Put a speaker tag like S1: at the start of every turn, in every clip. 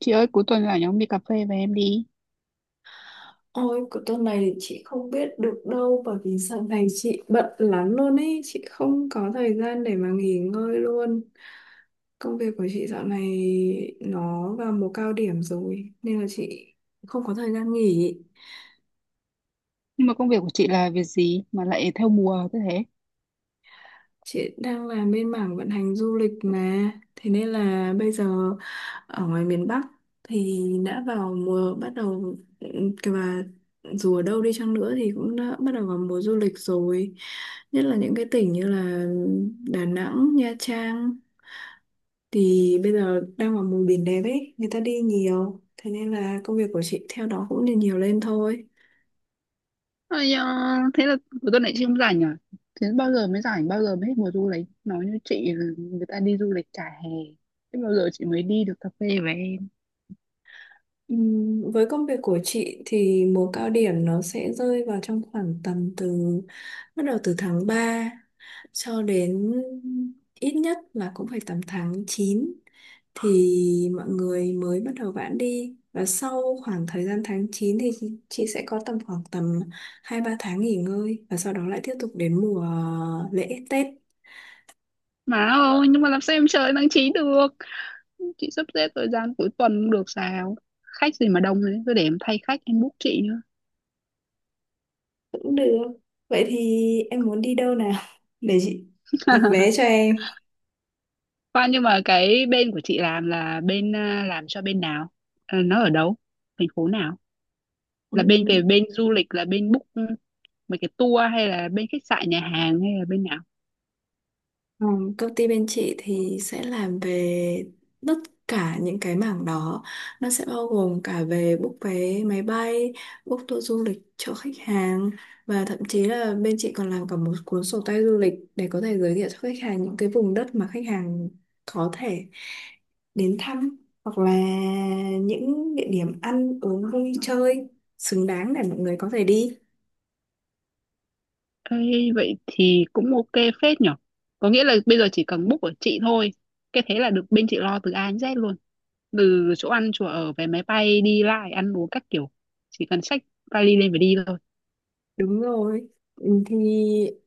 S1: Chị ơi, cuối tuần rảnh ông đi cà phê với em đi.
S2: Ôi, của tuần này thì chị không biết được đâu, bởi vì sau này chị bận lắm luôn ấy, chị không có thời gian để mà nghỉ ngơi luôn. Công việc của chị dạo này nó vào mùa cao điểm rồi nên là chị không có thời gian nghỉ.
S1: Nhưng mà công việc của chị là việc gì mà lại theo mùa thế thế?
S2: Chị đang làm bên mảng vận hành du lịch mà. Thế nên là bây giờ ở ngoài miền Bắc thì đã vào mùa, bắt đầu kìa, và dù ở đâu đi chăng nữa thì cũng đã bắt đầu vào mùa du lịch rồi. Nhất là những cái tỉnh như là Đà Nẵng, Nha Trang, thì bây giờ đang vào mùa biển đẹp ấy, người ta đi nhiều. Thế nên là công việc của chị theo đó cũng nhiều nhiều lên thôi.
S1: Ây da, thế là cuối tuần này chị không rảnh à? Thế bao giờ mới rảnh, bao giờ mới hết mùa du lịch? Nói như chị là người ta đi du lịch cả hè. Thế bao giờ chị mới đi được cà phê với em?
S2: Với công việc của chị thì mùa cao điểm nó sẽ rơi vào trong khoảng tầm từ bắt đầu từ tháng 3 cho đến ít nhất là cũng phải tầm tháng 9, thì mọi người mới bắt đầu vãn đi, và sau khoảng thời gian tháng 9 thì chị sẽ có tầm khoảng tầm 2 3 tháng nghỉ ngơi, và sau đó lại tiếp tục đến mùa lễ Tết
S1: Mà ôi, nhưng mà làm sao em chờ tháng 9 được? Chị sắp xếp thời gian cuối tuần không được sao? Khách gì mà đông thế, cứ để em thay khách, em book chị nữa.
S2: cũng được. Vậy thì em muốn đi đâu nào để chị đặt vé cho em.
S1: Khoan, nhưng mà cái bên của chị làm là bên à, làm cho bên nào? Ờ, nó ở đâu? Thành phố nào?
S2: Ừ.
S1: Là bên về bên du lịch, là bên book mấy cái tour hay là bên khách sạn nhà hàng hay là bên nào?
S2: Ừ, Công ty bên chị thì sẽ làm về tất cả những cái mảng đó. Nó sẽ bao gồm cả về book vé máy bay, book tour du lịch cho khách hàng, và thậm chí là bên chị còn làm cả một cuốn sổ tay du lịch để có thể giới thiệu cho khách hàng những cái vùng đất mà khách hàng có thể đến thăm, hoặc là những địa điểm ăn uống vui chơi xứng đáng để mọi người có thể đi.
S1: Ê, vậy thì cũng ok phết nhở, có nghĩa là bây giờ chỉ cần book của chị thôi, cái thế là được, bên chị lo từ A đến Z luôn, từ chỗ ăn chỗ ở vé máy bay đi lại ăn uống các kiểu, chỉ cần xách vali lên và đi thôi.
S2: Đúng rồi. Ừ, Thì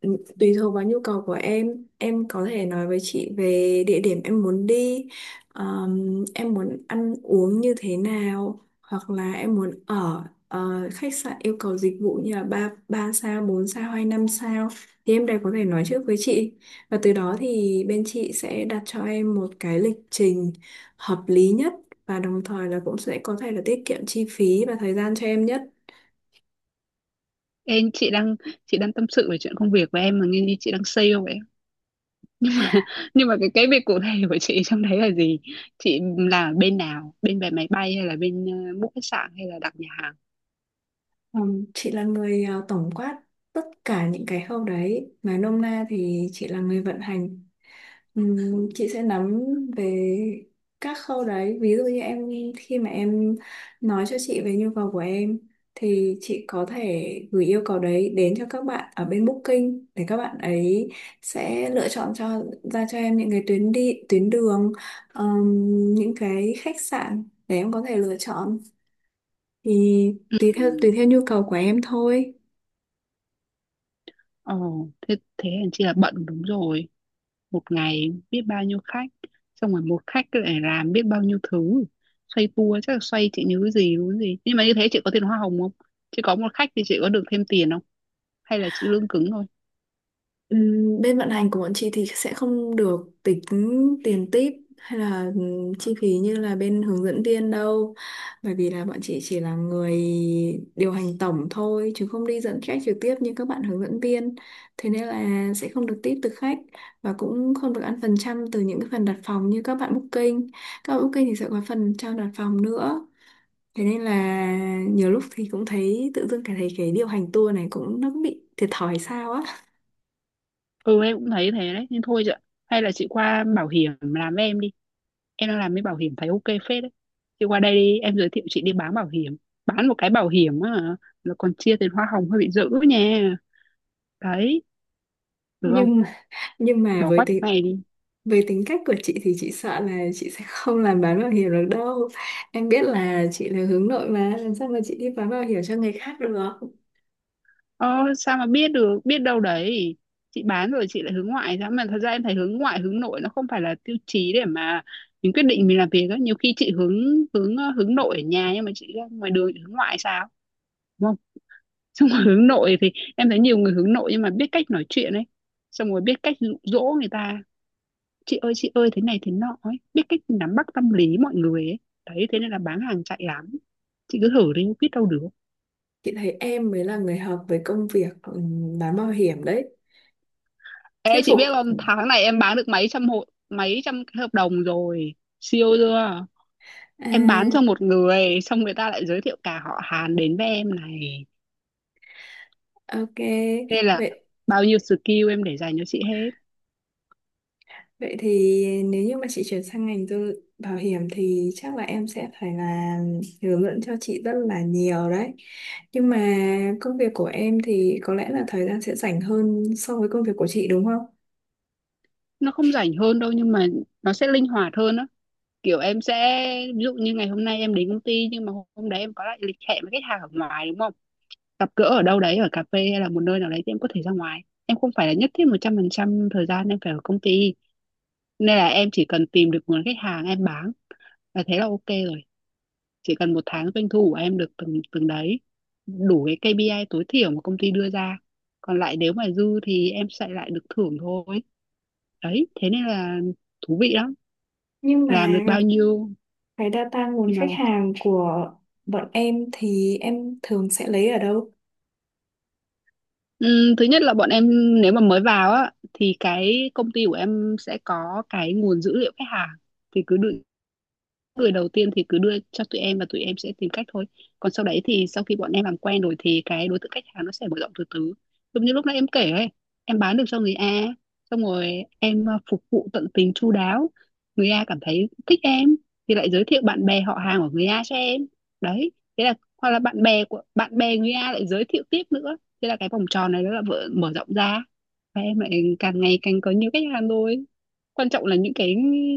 S2: Tùy thuộc vào nhu cầu của em có thể nói với chị về địa điểm em muốn đi, em muốn ăn uống như thế nào, hoặc là em muốn ở khách sạn yêu cầu dịch vụ như là 3 ba sao, 4 sao hay 5 sao, thì em đều có thể nói trước với chị. Và từ đó thì bên chị sẽ đặt cho em một cái lịch trình hợp lý nhất, và đồng thời là cũng sẽ có thể là tiết kiệm chi phí và thời gian cho em nhất.
S1: em chị đang chị đang tâm sự về chuyện công việc của em mà nghe như chị đang sale vậy. Nhưng mà cái việc cụ thể của chị trong đấy là gì? Chị là bên nào, bên vé máy bay hay là bên book khách sạn hay là đặt nhà hàng?
S2: Ừ, chị là người tổng quát tất cả những cái khâu đấy. Nói nôm na thì chị là người vận hành. Chị sẽ nắm về các khâu đấy. Ví dụ như em, khi mà em nói cho chị về nhu cầu của em, thì chị có thể gửi yêu cầu đấy đến cho các bạn ở bên Booking, để các bạn ấy sẽ lựa chọn cho, ra cho em những cái tuyến đi tuyến đường, những cái khách sạn để em có thể lựa chọn, thì
S1: Ừ.
S2: tùy theo nhu cầu của em thôi.
S1: Ờ, thế hèn chi là bận đúng rồi. Một ngày biết bao nhiêu khách. Xong rồi một khách lại làm biết bao nhiêu thứ. Xoay tua chắc là xoay chị nhớ gì đúng gì. Nhưng mà như thế chị có tiền hoa hồng không? Chị có một khách thì chị có được thêm tiền không? Hay là chị lương cứng thôi?
S2: Bên vận hành của bọn chị thì sẽ không được tính tiền tip hay là chi phí như là bên hướng dẫn viên đâu, bởi vì là bọn chị chỉ là người điều hành tổng thôi chứ không đi dẫn khách trực tiếp như các bạn hướng dẫn viên. Thế nên là sẽ không được tip từ khách, và cũng không được ăn phần trăm từ những cái phần đặt phòng như các bạn booking. Các bạn booking thì sẽ có phần trăm đặt phòng nữa. Thế nên là nhiều lúc thì cũng thấy tự dưng cảm thấy cái điều hành tour này cũng, nó cũng bị thiệt thòi sao á.
S1: Ừ, em cũng thấy thế đấy. Nhưng thôi chị ạ. Hay là chị qua bảo hiểm làm với em đi. Em đang làm với bảo hiểm thấy ok phết đấy. Chị qua đây đi. Em giới thiệu chị đi bán bảo hiểm. Bán một cái bảo hiểm á, là còn chia tiền hoa hồng hơi bị dữ nha. Đấy. Được không?
S2: Nhưng mà, nhưng mà
S1: Bỏ quách này đi.
S2: với tính cách của chị thì chị sợ là chị sẽ không làm bán bảo hiểm được đâu. Em biết là chị là hướng nội, mà làm sao mà chị đi bán bảo hiểm cho người khác được.
S1: Ơ sao mà biết được, biết đâu đấy chị bán rồi chị lại hướng ngoại ra mà. Thật ra em thấy hướng ngoại hướng nội nó không phải là tiêu chí để mà mình quyết định mình làm việc á. Nhiều khi chị hướng hướng hướng nội ở nhà nhưng mà chị ra ngoài đường chị hướng ngoại sao, đúng không? Xong rồi hướng nội thì em thấy nhiều người hướng nội nhưng mà biết cách nói chuyện ấy, xong rồi biết cách dụ dỗ người ta, chị ơi thế này thế nọ ấy, biết cách nắm bắt tâm lý mọi người ấy, đấy thế nên là bán hàng chạy lắm, chị cứ thử đi biết đâu được.
S2: Chị thấy em mới là người hợp với công việc bán bảo hiểm đấy. Thuyết
S1: Ê chị biết
S2: phục.
S1: không, tháng này em bán được mấy trăm hộ, mấy trăm cái hợp đồng rồi, siêu chưa?
S2: À,
S1: Em bán cho một người xong người ta lại giới thiệu cả họ Hàn đến với em này,
S2: ok.
S1: nên là
S2: Vậy
S1: bao nhiêu skill em để dành cho chị hết.
S2: Vậy thì nếu như mà chị chuyển sang ngành tư bảo hiểm thì chắc là em sẽ phải là hướng dẫn cho chị rất là nhiều đấy. Nhưng mà công việc của em thì có lẽ là thời gian sẽ rảnh hơn so với công việc của chị đúng không?
S1: Nó không rảnh hơn đâu nhưng mà nó sẽ linh hoạt hơn á, kiểu em sẽ ví dụ như ngày hôm nay em đến công ty nhưng mà hôm đấy em có lại lịch hẹn với khách hàng ở ngoài đúng không, gặp gỡ ở đâu đấy ở cà phê hay là một nơi nào đấy thì em có thể ra ngoài, em không phải là nhất thiết 100% thời gian em phải ở công ty, nên là em chỉ cần tìm được nguồn khách hàng em bán và thế là ok rồi, chỉ cần một tháng doanh thu của em được từng từng đấy, đủ cái KPI tối thiểu mà công ty đưa ra, còn lại nếu mà dư thì em sẽ lại được thưởng thôi, đấy thế nên là thú vị lắm.
S2: Nhưng
S1: Làm được
S2: mà
S1: bao nhiêu.
S2: cái data nguồn
S1: Nhưng mà
S2: khách hàng của bọn em thì em thường sẽ lấy ở đâu?
S1: Thứ nhất là bọn em, nếu mà mới vào á thì cái công ty của em sẽ có cái nguồn dữ liệu khách hàng, thì cứ định người đầu tiên thì cứ đưa cho tụi em và tụi em sẽ tìm cách thôi. Còn sau đấy thì sau khi bọn em làm quen rồi thì cái đối tượng khách hàng nó sẽ mở rộng từ từ, giống như lúc nãy em kể ấy, em bán được cho người A, xong rồi em phục vụ tận tình chu đáo, người A cảm thấy thích em thì lại giới thiệu bạn bè họ hàng của người A cho em, đấy thế là hoặc là bạn bè của bạn bè người A lại giới thiệu tiếp nữa, thế là cái vòng tròn này nó là mở rộng ra và em lại càng ngày càng có nhiều khách hàng thôi. Quan trọng là những cái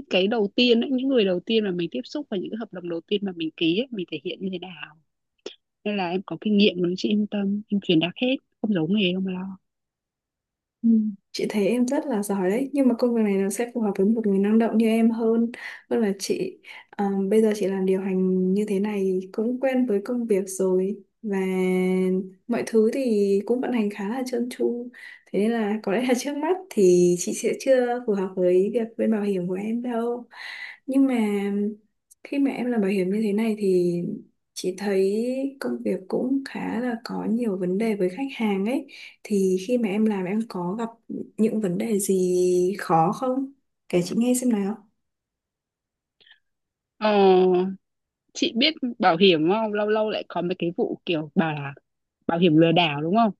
S1: cái đầu tiên ấy, những người đầu tiên mà mình tiếp xúc và những cái hợp đồng đầu tiên mà mình ký ấy, mình thể hiện như thế nào, nên là em có kinh nghiệm rồi chị yên tâm, em truyền đạt hết không giấu nghề không lo.
S2: Ừ. Chị thấy em rất là giỏi đấy, nhưng mà công việc này nó sẽ phù hợp với một người năng động như em hơn, hơn là chị. Ờ, bây giờ chị làm điều hành như thế này thì cũng quen với công việc rồi, và mọi thứ thì cũng vận hành khá là trơn tru, thế nên là có lẽ là trước mắt thì chị sẽ chưa phù hợp với việc bên bảo hiểm của em đâu. Nhưng mà khi mà em làm bảo hiểm như thế này thì chị thấy công việc cũng khá là có nhiều vấn đề với khách hàng ấy, thì khi mà em làm em có gặp những vấn đề gì khó không? Kể chị nghe xem nào.
S1: Ờ, chị biết bảo hiểm không, lâu lâu lại có mấy cái vụ kiểu bảo là bảo hiểm lừa đảo đúng không,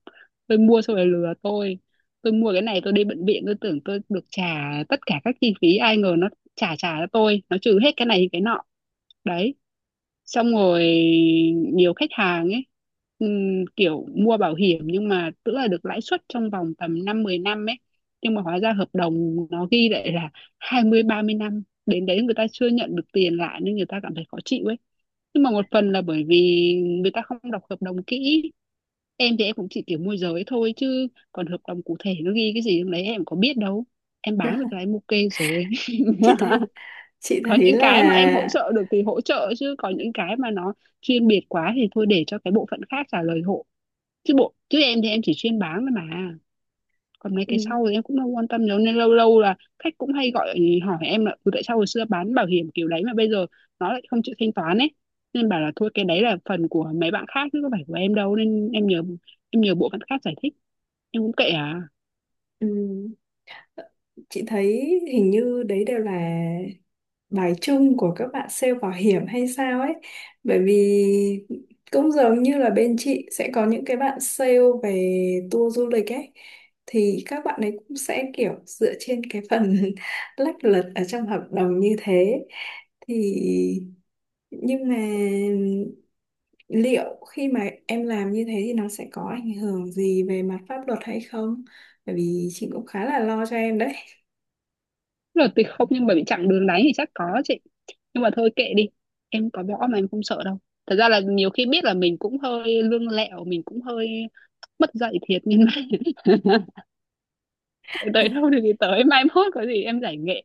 S1: tôi mua xong rồi lừa tôi mua cái này tôi đi bệnh viện tôi tưởng tôi được trả tất cả các chi phí, ai ngờ nó trả trả cho tôi nó trừ hết cái này cái nọ, đấy. Xong rồi nhiều khách hàng ấy, kiểu mua bảo hiểm nhưng mà tức là được lãi suất trong vòng tầm 5-10 năm ấy, nhưng mà hóa ra hợp đồng nó ghi lại là 20-30 năm, đến đấy người ta chưa nhận được tiền lại nên người ta cảm thấy khó chịu ấy. Nhưng mà một phần là bởi vì người ta không đọc hợp đồng kỹ. Em thì em cũng chỉ kiểu môi giới thôi chứ còn hợp đồng cụ thể nó ghi cái gì trong đấy em có biết đâu, em bán được là em ok rồi.
S2: Chị thấy chị
S1: Có
S2: thấy
S1: những
S2: là
S1: cái mà em hỗ trợ được thì hỗ trợ, chứ có những cái mà nó chuyên biệt quá thì thôi để cho cái bộ phận khác trả lời hộ, chứ em thì em chỉ chuyên bán thôi mà, còn mấy cái
S2: ừ,
S1: sau thì em cũng không quan tâm nhiều nên lâu lâu là khách cũng hay gọi ừ, hỏi em là "Ừ, tại sao hồi xưa bán bảo hiểm kiểu đấy mà bây giờ nó lại không chịu thanh toán ấy", nên bảo là thôi cái đấy là phần của mấy bạn khác chứ có phải của em đâu, nên em nhờ bộ phận khác giải thích em cũng kệ à.
S2: ừ, chị thấy hình như đấy đều là bài chung của các bạn sale bảo hiểm hay sao ấy. Bởi vì cũng giống như là bên chị sẽ có những cái bạn sale về tour du lịch ấy, thì các bạn ấy cũng sẽ kiểu dựa trên cái phần lách luật ở trong hợp đồng như thế, thì nhưng mà liệu khi mà em làm như thế thì nó sẽ có ảnh hưởng gì về mặt pháp luật hay không? Bởi vì chị cũng khá là lo cho em đấy.
S1: Là tuyệt không nhưng mà bị chặn đường đánh thì chắc có chị, nhưng mà thôi kệ đi, em có võ mà em không sợ đâu. Thật ra là nhiều khi biết là mình cũng hơi lương lẹo, mình cũng hơi mất dạy thiệt nhưng mà tới đâu thì tới, mai mốt có gì em giải nghệ.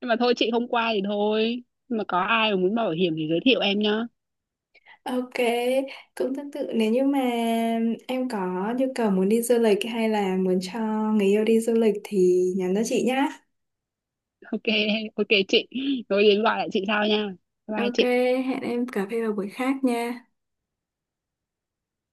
S1: Nhưng mà thôi chị không qua thì thôi, nhưng mà có ai mà muốn bảo hiểm thì giới thiệu em nhá.
S2: Ok, cũng tương tự, nếu như mà em có nhu cầu muốn đi du lịch, hay là muốn cho người yêu đi du lịch thì nhắn cho chị nhá.
S1: Ok, ok chị, rồi đến gọi lại chị sau nha, bye bye
S2: Ok,
S1: chị.
S2: hẹn em cà phê vào buổi khác nha.